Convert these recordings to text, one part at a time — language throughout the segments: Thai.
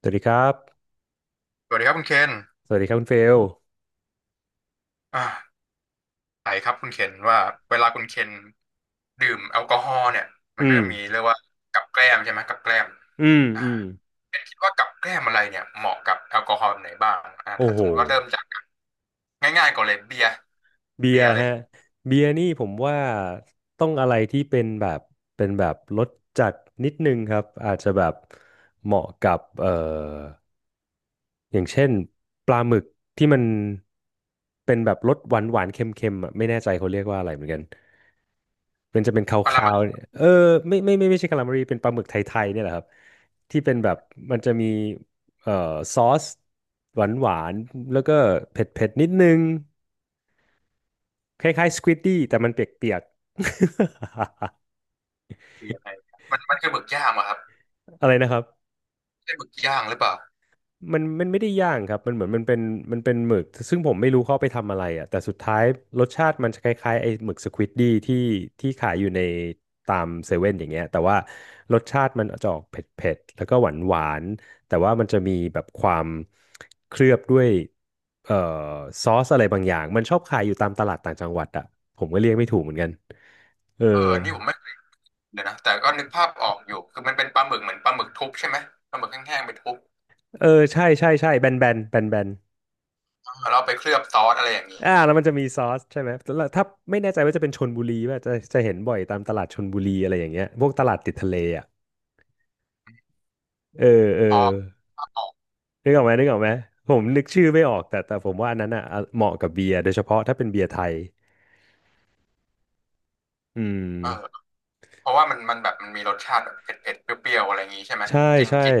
สวัสดีครับ สวัสดีครับคุณเคนสวัสดีครับคุณเฟลอ่าไหนครับคุณเคนว่าเวลาคุณเคนดื่มแอลกอฮอล์เนี่ยมันอืก็มจะมีเรียกว่ากับแกล้มใช่ไหมกับแกล้มอืมอ่าอืมเคนคิดว่ากับแกล้มอะไรเนี่ยเหมาะกับแอลกอฮอล์แบบไหนบ้างโอ้ถ้าโหสมมติว่าเริ่มจากง่ายๆก่อนเลยเบียร์เบียเบีร์ยร์เลยฮะเบียร์นี่ผมว่าต้องอะไรที่เป็นแบบรสจัดนิดนึงครับ อาจจะแบบเหมาะกับอย่างเช่นปลาหมึกที่มันเป็นแบบรสหวานหวานเค็มๆอ่ะไม่แน่ใจเขาเรียกว่าอะไรเหมือนกัน มันจะเป็นคปราาจาวรๆยเนี่ยเออไม่ใช่คาลามารีเป็นปลาหมึกไทยๆเนี่ยแหละครับที่เป็นแบบมันจะมีเอ่อซอสหวานหวานแล้วก็เผ็ดเผ็ดนิดนึงคล้ายๆสควิ d ดี้แต่มันเปียกๆ เบียร์อะไรมันคือหมึกย่างอะครับ อะไรนะครับ ใช่หมึกย่างหรือเปล่ามันไม่ได้ย่างครับมันเหมือนมันเป็นมันเป็นหมึกซึ่งผมไม่รู้เขาเอาไปทำอะไรอ่ะแต่สุดท้ายรสชาติมันจะคล้ายๆไอ้หมึกสควิดดี้ที่ขายอยู่ในตามเซเว่นอย่างเงี้ยแต่ว่ารสชาติมันจะออกเผ็ดๆแล้วก็หวานหวานแต่ว่ามันจะมีแบบความเคลือบด้วยเอ่อซอสอะไรบางอย่างมันชอบขายอยู่ตามตลาดต่างจังหวัดอ่ะผมก็เรียกไม่ถูกเหมือนกันเออเอออันนี่ผมไม่เคยเลยนะแต่ก็นึกภาพออกอยู่คือมันเป็นปลาหมึกเหมือนปลาหมึกทุบใช่ไหมปลาหมึกแห้งๆไปทุบเออใช่ใช่ใช่แบนแบนแบนแบน แล้วเอาไปเคลือบซอสอะไรอย่างนี้อ่าแล้วมันจะมีซอสใช่ไหมแล้วถ้าไม่แน่ใจว่าจะเป็นชลบุรีว่าจะเห็นบ่อยตามตลาดชลบุรีอะไรอย่างเงี้ยพวกตลาดติดทะเลอ่ะเออเออพอเอาออกนึกออกไหมนึกออกไหมผมนึกชื่อไม่ออกแต่ผมว่าอันนั้นอ่ะเหมาะกับเบียร์โดยเฉพาะถ้าเป็นเบียร์ไทยอืเออ มเพราะว่ามันแบบมันมีรสชาติแบบเผ็ดเผ็ดเปรี้ยวๆอะไรอย่างงี้ใช่ไหมใช่กินใช่ กิน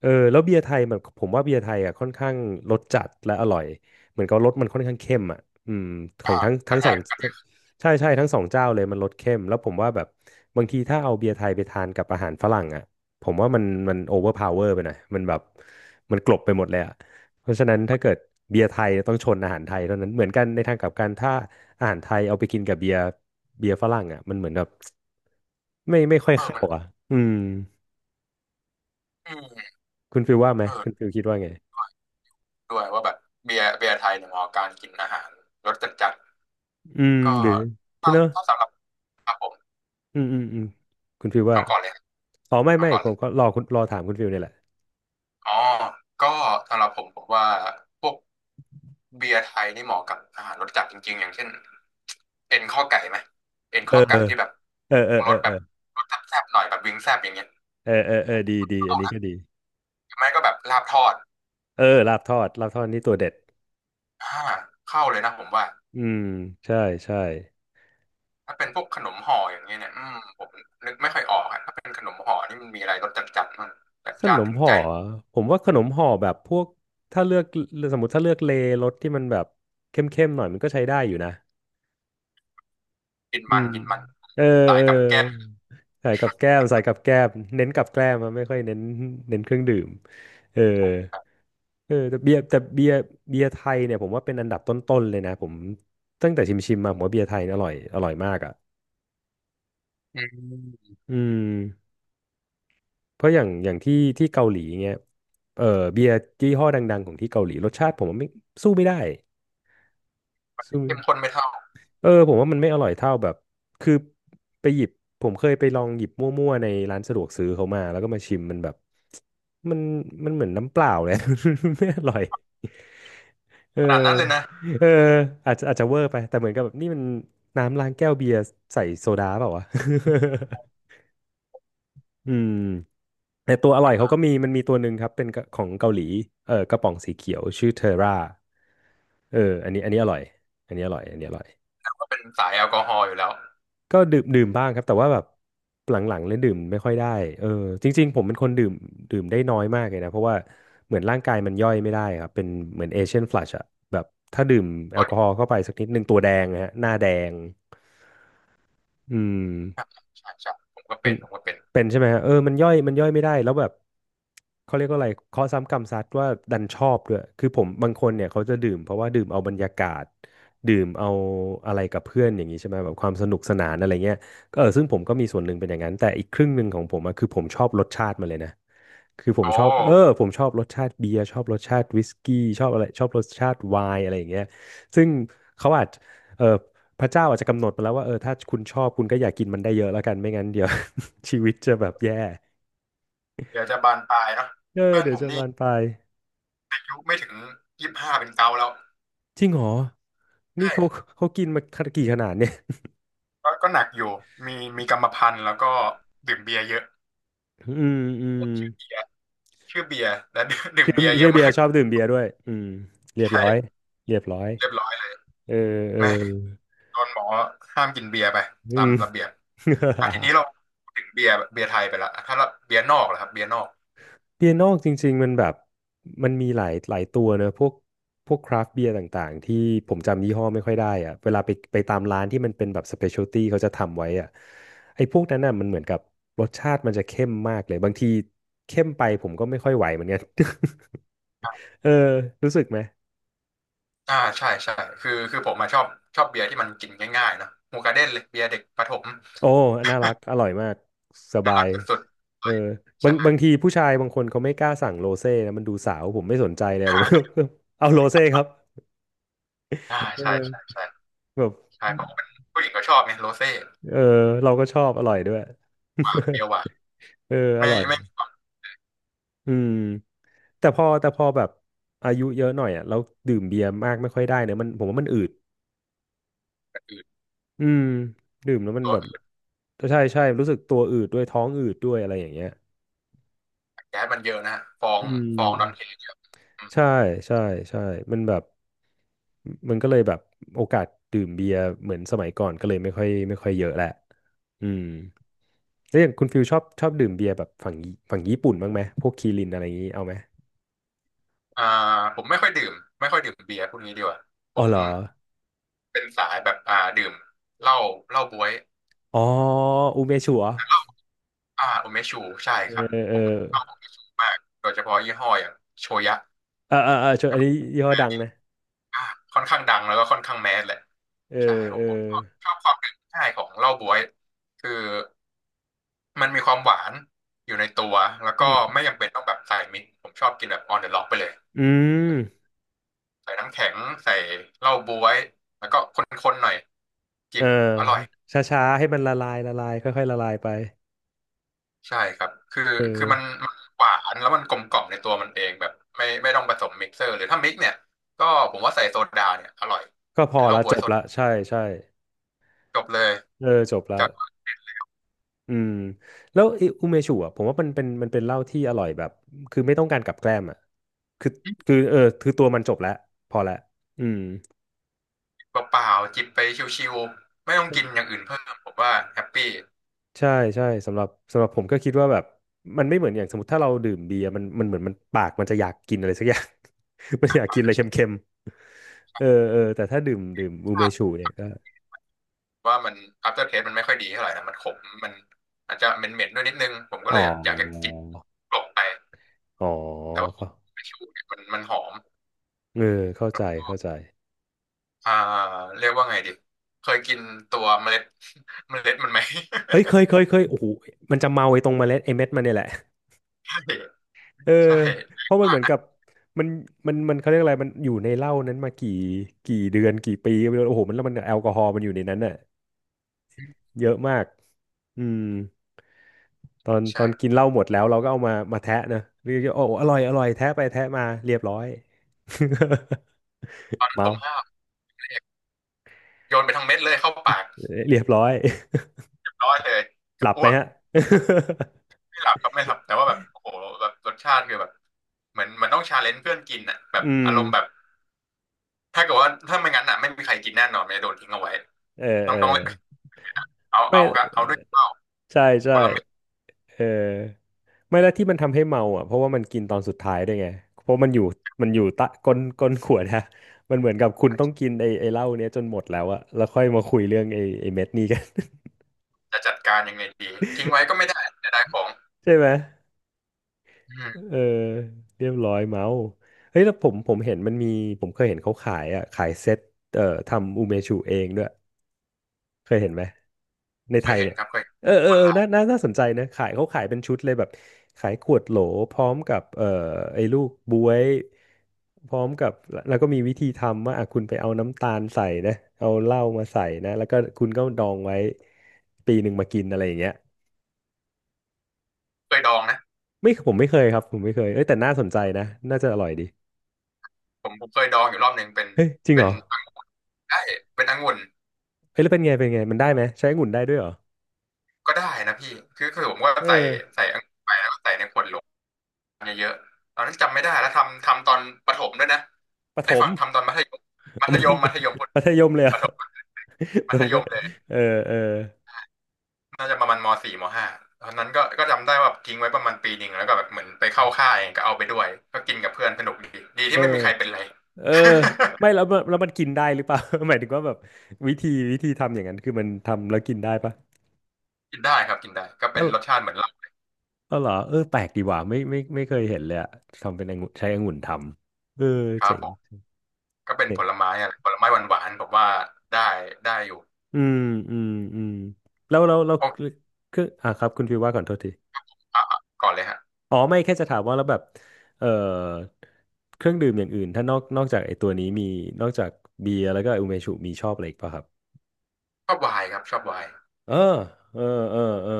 เออแล้วเบียร์ไทยมันผมว่าเบียร์ไทยอ่ะค่อนข้างรสจัดและอร่อยเหมือนกับรสมันค่อนข้างเข้มอ่ะอืมของยากทั้งกทั้ระงแทสองกใช่ใช่ทั้งสองเจ้าเลยมันรสเข้มแล้วผมว่าแบบบางทีถ้าเอาเบียร์ไทยไปทานกับอาหารฝรั่งอ่ะผมว่ามันโอเวอร์พาวเวอร์ไปหน่อยมันแบบมันกลบไปหมดเลยอ่ะเพราะฉะนั้นถ้าเกิดเบียร์ไทยต้องชนอาหารไทยเท่านั้นเหมือนกันในทางกลับกันถ้าอาหารไทยเอาไปกินกับเบียร์เบียร์ฝรั่งอ่ะมันเหมือนแบบไม่ค่อยเออเข้ามันอ่ะอืมอืมคุณฟิลว่าไหมเอคุณอฟิลคิดว่าไง ด้วยว่าแบบเบียร์ไทยเนี่ยเหมาะกับการกินอาหารรสจัดจัดอืมก็หรือใช่ถ้าเนอะถ้าสำหรับครับผมอืมอืมอืมคุณฟิลว่าเอาก่อนเลยอ๋อไม่เอาไม่ก่อนผเลยมก็รอคุณรอถามคุณฟิลเนี่ยแหละอ๋อก็สำหรับผมว่าพวกเบียร์ไทยนี่เหมาะกับอาหารรสจัดจริงๆอย่างเช่นเอ็นข้อไก่ไหมเอ็นเออข้อไก่ที่แบบเออเออรเออสแบเออบรสแซ่บๆหน่อยแบบวิงแซ่บอย่างเงี้ยเออเออเออดีดีอันนี้ก็ดีไม่ก็แบบลาบทอดเออลาบทอดลาบทอดนี่ตัวเด็ดอ่าเข้าเลยนะผมว่า อืมใช่ใช่ถ้าเป็นพวกขนมห่ออย่างเงี้ยเนี่ยอืมผมนึกไม่ค่อยออกอะถ้าเป็นขนมห่อนี่มันมีอะไรรสจัดจัดมันจัดขจ้านนมถึงห่ใจออะผมว่าขนมห่อแบบพวกถ้าเลือกสมมติถ้าเลือกเลรสที่มันแบบเข้มๆหน่อยมันก็ใช้ได้อยู่นะกินอืมันมกินมันเออสาเอยอกับแก้มใส่กับแก้มใส่กับแก้มเน้นกับแก้มอะไม่ค่อยเน้นเน้นเครื่องดื่มเออ เออแต่เบียร์ไทยเนี่ยผมว่าเป็นอันดับต้นๆเลยนะผมตั้งแต่ชิมๆมาผมว่าเบียร์ไทยเนี่ยอร่อยอร่อยมากอ่ะอืมอืมเพราะอย่างที่เกาหลีเงี้ยเออเบียร์ยี่ห้อดังๆของที่เกาหลีรสชาติผมว่าไม่สู้ไม่ได้สู้ไม่เข้มงข้นไม่เท่าเออผมว่ามันไม่อร่อยเท่าแบบคือไปหยิบผมเคยไปลองหยิบมั่วๆในร้านสะดวกซื้อเขามาแล้วก็มาชิมมันแบบมันมันเหมือนน้ำเปล่าเลย ไม่อร่อย เออขนาดนั้นเลยนะเอออาจจะอาจจะเวอร์ไปแต่เหมือนกับแบบนี่มันน้ำล้างแก้วเบียร์ใส่โซดาเปล่าวะ อืมแต่ตัวอร่อยเขาก็มีอ่ามันมีตัวหนึ่งครับเป็นของเกาหลีเออกระป๋องสีเขียวชื่อเทอร่าเอออันนี้อันนี้อร่อยอันนี้อร่อยอันนี้อร่อย ก็เป็นสายแอลกอฮอล์อยู่แล้วก็ดื่มดื่มบ้างครับแต่ว่าแบบหลังๆเลยดื่มไม่ค่อยได้เออจริงๆผมเป็นคนดื่มดื่มได้น้อยมากเลยนะเพราะว่าเหมือนร่างกายมันย่อยไม่ได้ครับเป็นเหมือนเอเชียนฟลัชอะแบบถ้าดื่มแอตัวลกอนี้ฮอล์เข้าไปสักนิดหนึ่งตัวแดงนะฮะหน้าแดงอืม ครับใช่ใช่ผมก็มัเป็นนผมก็เป็นเป็นใช่ไหมฮะเออมันย่อยมันย่อยไม่ได้แล้วแบบเขาเรียกว่าอะไรเคาะซ้ำกรรมซัดว่าดันชอบด้วยคือผมบางคนเนี่ยเขาจะดื่มเพราะว่าดื่มเอาบรรยากาศดื่มเอาอะไรกับเพื่อนอย่างนี้ใช่ไหมแบบความสนุกสนานอะไรเงี้ยก็เออซึ่งผมก็มีส่วนหนึ่งเป็นอย่างนั้นแต่อีกครึ่งหนึ่งของผมอะคือผมชอบรสชาติมันเลยนะ คือผมโอ้ชอบผมชอบรสชาติเบียร์ชอบรสชาติวิสกี้ชอบอะไรชอบรสชาติไวน์อะไรอย่างเงี้ยซึ่งเขาอาจเออพระเจ้าอาจจะกำหนดมาแล้วว่าเออถ้าคุณชอบคุณก็อย่ากินมันได้เยอะแล้วกันไม่งั้นเดี๋ยว ชีวิตจะแบบแย่เดี๋ยวจะบานปลายเนาะเออเพื่อนเดี๋ยผวมจะนี่บานปลายอายุไม่ถึง25เป็นเกาแล้วจริงเหรอนี่ใช่เขากินมากี่ขนาดเนี่ยก็หนักอยู่มีมีกรรมพันธุ์แล้วก็ดื่มเบียร์เยอะอืมอืชื่มอเบียร์ชื่อเบียร์และ ดื่มชื่อเบียร์เยชื่อะอเบียมากร์ชอบดื่มเบียร์ด้วยอืมเรียบร้อยใช่เรียบร้อยเรียบร้อย เออเอแม่อโดนหมอห้ามกินเบียร์ไปอืตามม ระเบียบอ่ะทีนี้เรา พูดถึงเบียร์ไทยไปละถ้าเราเบียร์นอกล่ะครับเบียร์นอกเปียโนจริงๆมันแบบมันมีหลายตัวเนอะพวกคราฟต์เบียร์ต่างๆที่ผมจำยี่ห้อไม่ค่อยได้อะเวลาไปตามร้านที่มันเป็นแบบสเปเชียลตี้เขาจะทำไว้อะไอ้พวกนั้นน่ะมันเหมือนกับรสชาติมันจะเข้มมากเลยบางทีเข้มไปผมก็ไม่ค่อยไหวเหมือนกัน เออรู้สึกไหมใช่ใช่คือผมมาชอบเบียร์ที่มันกินง่ายๆเนาะหมูกระเด้นเลยเบียร์เด็กประถมโอ้น่ารักอร่อยมากสน่าบารัยกสุดเออๆใช่บางทีผู้ชายบางคนเขาไม่กล้าสั่งโรเซ่นะมันดูสาวผมไม่สนใจเลยผม เอาโรเซ่ครับอ่าเใช่ใช่ออใช่แบบ ใช่เพราะว่าเป็นผู้หญิงก็ชอบไงโรเซ่เออเราก็ชอบอร่อยด้วย เบียร์ หวานเอออไม่ร่อยไม่มีความอืมแต่พอแบบอายุเยอะหน่อยอ่ะเราดื่มเบียร์มากไม่ค่อยได้เนี่ยมันผมว่ามันอืดกระอืดอืมดื่มแล้วมันตัวแบบอื่นใช่ใช่รู้สึกตัวอืดด้วยท้องอืดด้วยอะไรอย่างเงี้ยแก๊สมันเยอะนะฮะฟองอืฟองดอนเทมเยอะอืมใช่ใช่ใช่มันแบบมันก็เลยแบบโอกาสดื่มเบียร์เหมือนสมัยก่อนก็เลยไม่ค่อยเยอะแหละอืมแล้วอย่างคุณฟิลชอบชอบดื่มเบียร์แบบฝั่งญี่ปุ่นบ้างไหมพวกคีรินอะไรอย่างงี้เอาไหมอ่าผมไม่ค่อยดื่มไม่ค่อยดื่มเบียร์พวกนี้ดีกว่าผอ๋อมเหรอ เป็นสายแบบดื่มเหล้าเหล้าบ๊วย อ๋ออูเมชัวอ่าโอเมชูใช่เออครับเออเอผมชอบโอเมชูมากโดยเฉพาะยี่ห้ออย่างโชยะอเออเออชวนก็อันแบนี้บยี่ห้อดังนะอ่าค่อนข้างดังแล้วก็ค่อนข้างแมสแหละเออใช่ผเออมผมชอบความเป็นง่ายของเหล้าบ๊วยคือมันมีความหวานอยู่ในตัวแล้วอืก็มไม่จำเป็นต้องแบบใส่มิกซ์ผมชอบกินแบบออนเดอะล็อกไปเลยอืมใส่น้ำแข็งใส่เหล้าบ๊วยแล้วก็คนๆหน่อยเอจิอบอร่อย ช้าๆให้มันละลายละลายค่อยๆละลายไปใช่ครับ คือเอคือมันอมันหวานแล้วมันกลมกล่อมในตัวมันเองแบบไม่ต้องผสมมิกเซอร์หรือถ้ามิกเนี่ยก็ผมว่าใส่โซดาเนี่ยอร่อยก็พเป็อนเหล้าละบ๊วจยบสดละใช่ใช่จบเลยเออจบละจากอืมแล้วไอ้อูเมชัวผมว่ามันเป็นมันเป็นเหล้าที่อร่อยแบบคือไม่ต้องการกับแกล้มอ่ะคือคือเออคือตัวมันจบแล้วพอละอืม เปล่าๆจิบไปชิวๆไม่ต้องกินอย่างอื่นเพิ่มผมว่าแฮปปี้ใช่ใช่สำหรับผมก็คิดว่าแบบมันไม่เหมือนอย่างสมมติถ้าเราดื่มเบียร์มันเหมือนมันปากมันจะอยากกินอะไรสักอย่าง มันอยากกินอะไรเค็มๆเออเออแต่ถ้าดื่มอูเมชูเนี่ยก็ว่ามัน after taste มันไม่ค่อยดีเท่าไหร่นะมันขมมันอาจจะเหม็นๆด้วยนิดนึงผมก็อ๋อเลยแบบอยากจะกินกลบไปอ๋อแต่ว่าเข้าชิวเนี่ยมันหอมเออเข้าใจเข้าใจอ่าเรียกว่าไงดีเคยกินตัวเมล็ด เมล็ดมันไหม เอ้ยเคยเคยโอ้โหมันจะเมาไอ้ตรงเมล็ดไอ้เม็ดมันเนี่ยแหละเออ ใช่เพราะมันเหมือนกับมันเขาเรียกอะไรมันอยู่ในเหล้านั้นมากี่เดือนกี่ปีก็ไม่รู้โอ้โหมันแล้วมันแอลกอฮอล์มันอยู่ในนั้นน่ะเยอะมากอืม ตอนกินใช่เหล้าหมดแล้วเราก็เอามาแทะนะเรียกว่าโอ้อร่อยอร่อยแทะไปแทะมาเรียบร้อย ตอน นั้นผเมามห้าวโยนไปทั้งเม็ดเลยเข้าปากเรียบร้อยเรียบร้อยเลยจหกับลับไหอ้มวกฮะ ไม่หลับครับไม่หลับแต่ว่าแบบโอ้โหแบบรสชาติคือแบบเหมือนเหมันต้องชาเลนจ์เพื่อนกินอ่ะแบ บอืมอารมณ์แบบถ้าเกิดว่าถ้าไม่งั้นอ่ะไม่มีใครกินแน่นอนมันจะโดนทิ้งเอาไว้เออต้อเองอต้องเอาไม่เอากบเอาด้วยข้าวใช่คใช่นละเม็ดเออไม่แล้วที่มันทำให้เมาอ่ะเพราะว่ามันกินตอนสุดท้ายด้วยไงเพราะมันอยู่มันอยู่ตะก้นก้นขวดฮะมันเหมือนกับคุณต้องกินไอ้เหล้าเนี้ยจนหมดแล้วอะแล้วค่อยมาคุยเรื่องไอ้เม็ดนี้กัน จะจัดการยังไงดีทิ้งไว้ก็ไม่ได้จะได้ของ ใช่ไหม อืมเออเรียบร้อยเมาส์เฮ้ยแล้วผมเห็นมันมีผมเคยเห็นเขาขายอ่ะขายเซ็ตทำอูเมชูเองด้วยเคยเห็นไหมในเคไทยยเห็นเนี่ยครับเคยเห็นเออเอคอนเออลาวน่าสนใจนะขายเขาขายเป็นชุดเลยแบบขายขวดโหลพร้อมกับไอ้ลูกบ๊วยพร้อมกับแล้วก็มีวิธีทำว่าอ่ะคุณไปเอาน้ำตาลใส่นะเอาเหล้ามาใส่นะแล้วก็คุณก็ดองไว้ปีหนึ่งมากินอะไรอย่างเงี้ยเคยดองนะไม่ผมไม่เคยครับผมไม่เคยเอ้ยแต่น่าสนใจนะน่าจะอร่อยดีผมเคยดองอยู่รอบหนึ่งเป็นเฮ้ยจริงเหเป็รนอ ใช่เป็นองุ่น เฮ้ยแล้วเป็นไงมันได้ไหมใช้องุ่นได้ด้วยเหรอก็ได้นะพี่คือผมก็เออใส่อังุ่นไปแล้วก็ใส่ในขวดโหลเยอะๆตอนนั้นจำไม่ได้แล้วทำตอนประถมด้วยนะประถได้ม ฟังทำตอนมัธยม มัเอาธมัยธมยมัมธยมมัธยมเลยเหรปอ่ะ ระถม มัธผมยก็มเลยเออเออน่าจะประมาณมสี่มห้าตอนนั้นก็จำได้ว่าทิ้งไว้ประมาณปีหนึ่งแล้วก็แบบเหมือนไปเข้าค่ายก็เอาไปด้วยก็กินกับเพื่อนสนุกดีดีเอที่อไม่มีใครเป็นไร เออไม่แล้วมันกินได้หรือเปล่า หมายถึงว่าแบบวิธีทำอย่างนั้นคือมันทำแล้วกินได้ปะ กินได้ครับกินได้ก็เอเป็นอรสชาติเหมือนเหล้าเออเหรอเออแปลกดีว่ะไม่เคยเห็นเลยอะทำเป็นองุ่นใช้องุ่นทำเออครัเจ๋บงผมก็เป็นเจ๋ผงลไม้อะไรผลไม้หวานๆผมว่าได้ได้อยู่อืมอืมอืมแล้วโอ้คืออ่ะครับคุณฟิวว่าก่อนโทษที อ่ะอ่ะก่อนเลยฮะอ๋อไม่แค่จะถามว่าแล้วแบบเอ่อเครื่องดื่มอย่างอื่นถ้านอกจากไอ้ตัวนี้มีนอกจากเบียร์แล้วก็อุเมชุมีชอบอะไรอีกป่ะครับชอบไวน์ครับชอบไวน์ เออเออเออเออ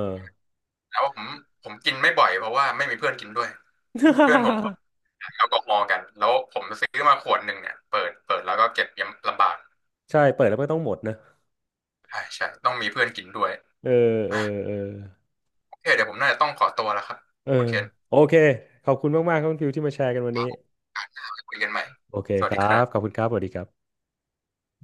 แล้วผมกินไม่บ่อยเพราะว่าไม่มีเพื่อนกินด้วยเพื่อนผมก็ ขายแอลกอฮอล์กันแล้วผมซื้อมาขวดหนึ่งเนี่ยเปิดแล้วก็เก็บยังลำบากใช่เปิดแล้วก็ต้องหมดนะใช่ใช่ต้องมีเพื่อนกินด้วยเออเออ่ะอเออโอเคเดี๋ยวผมน่าจะต้องขอตัวแล้วครับเออคุณเคนโอเคขอบคุณมากๆครับคุณฟิวที่มาแชร์กันวันนี้คุยกันใหม่โอเคสวัสคดีครัรับขอบบคุณครับสวัสดีครับ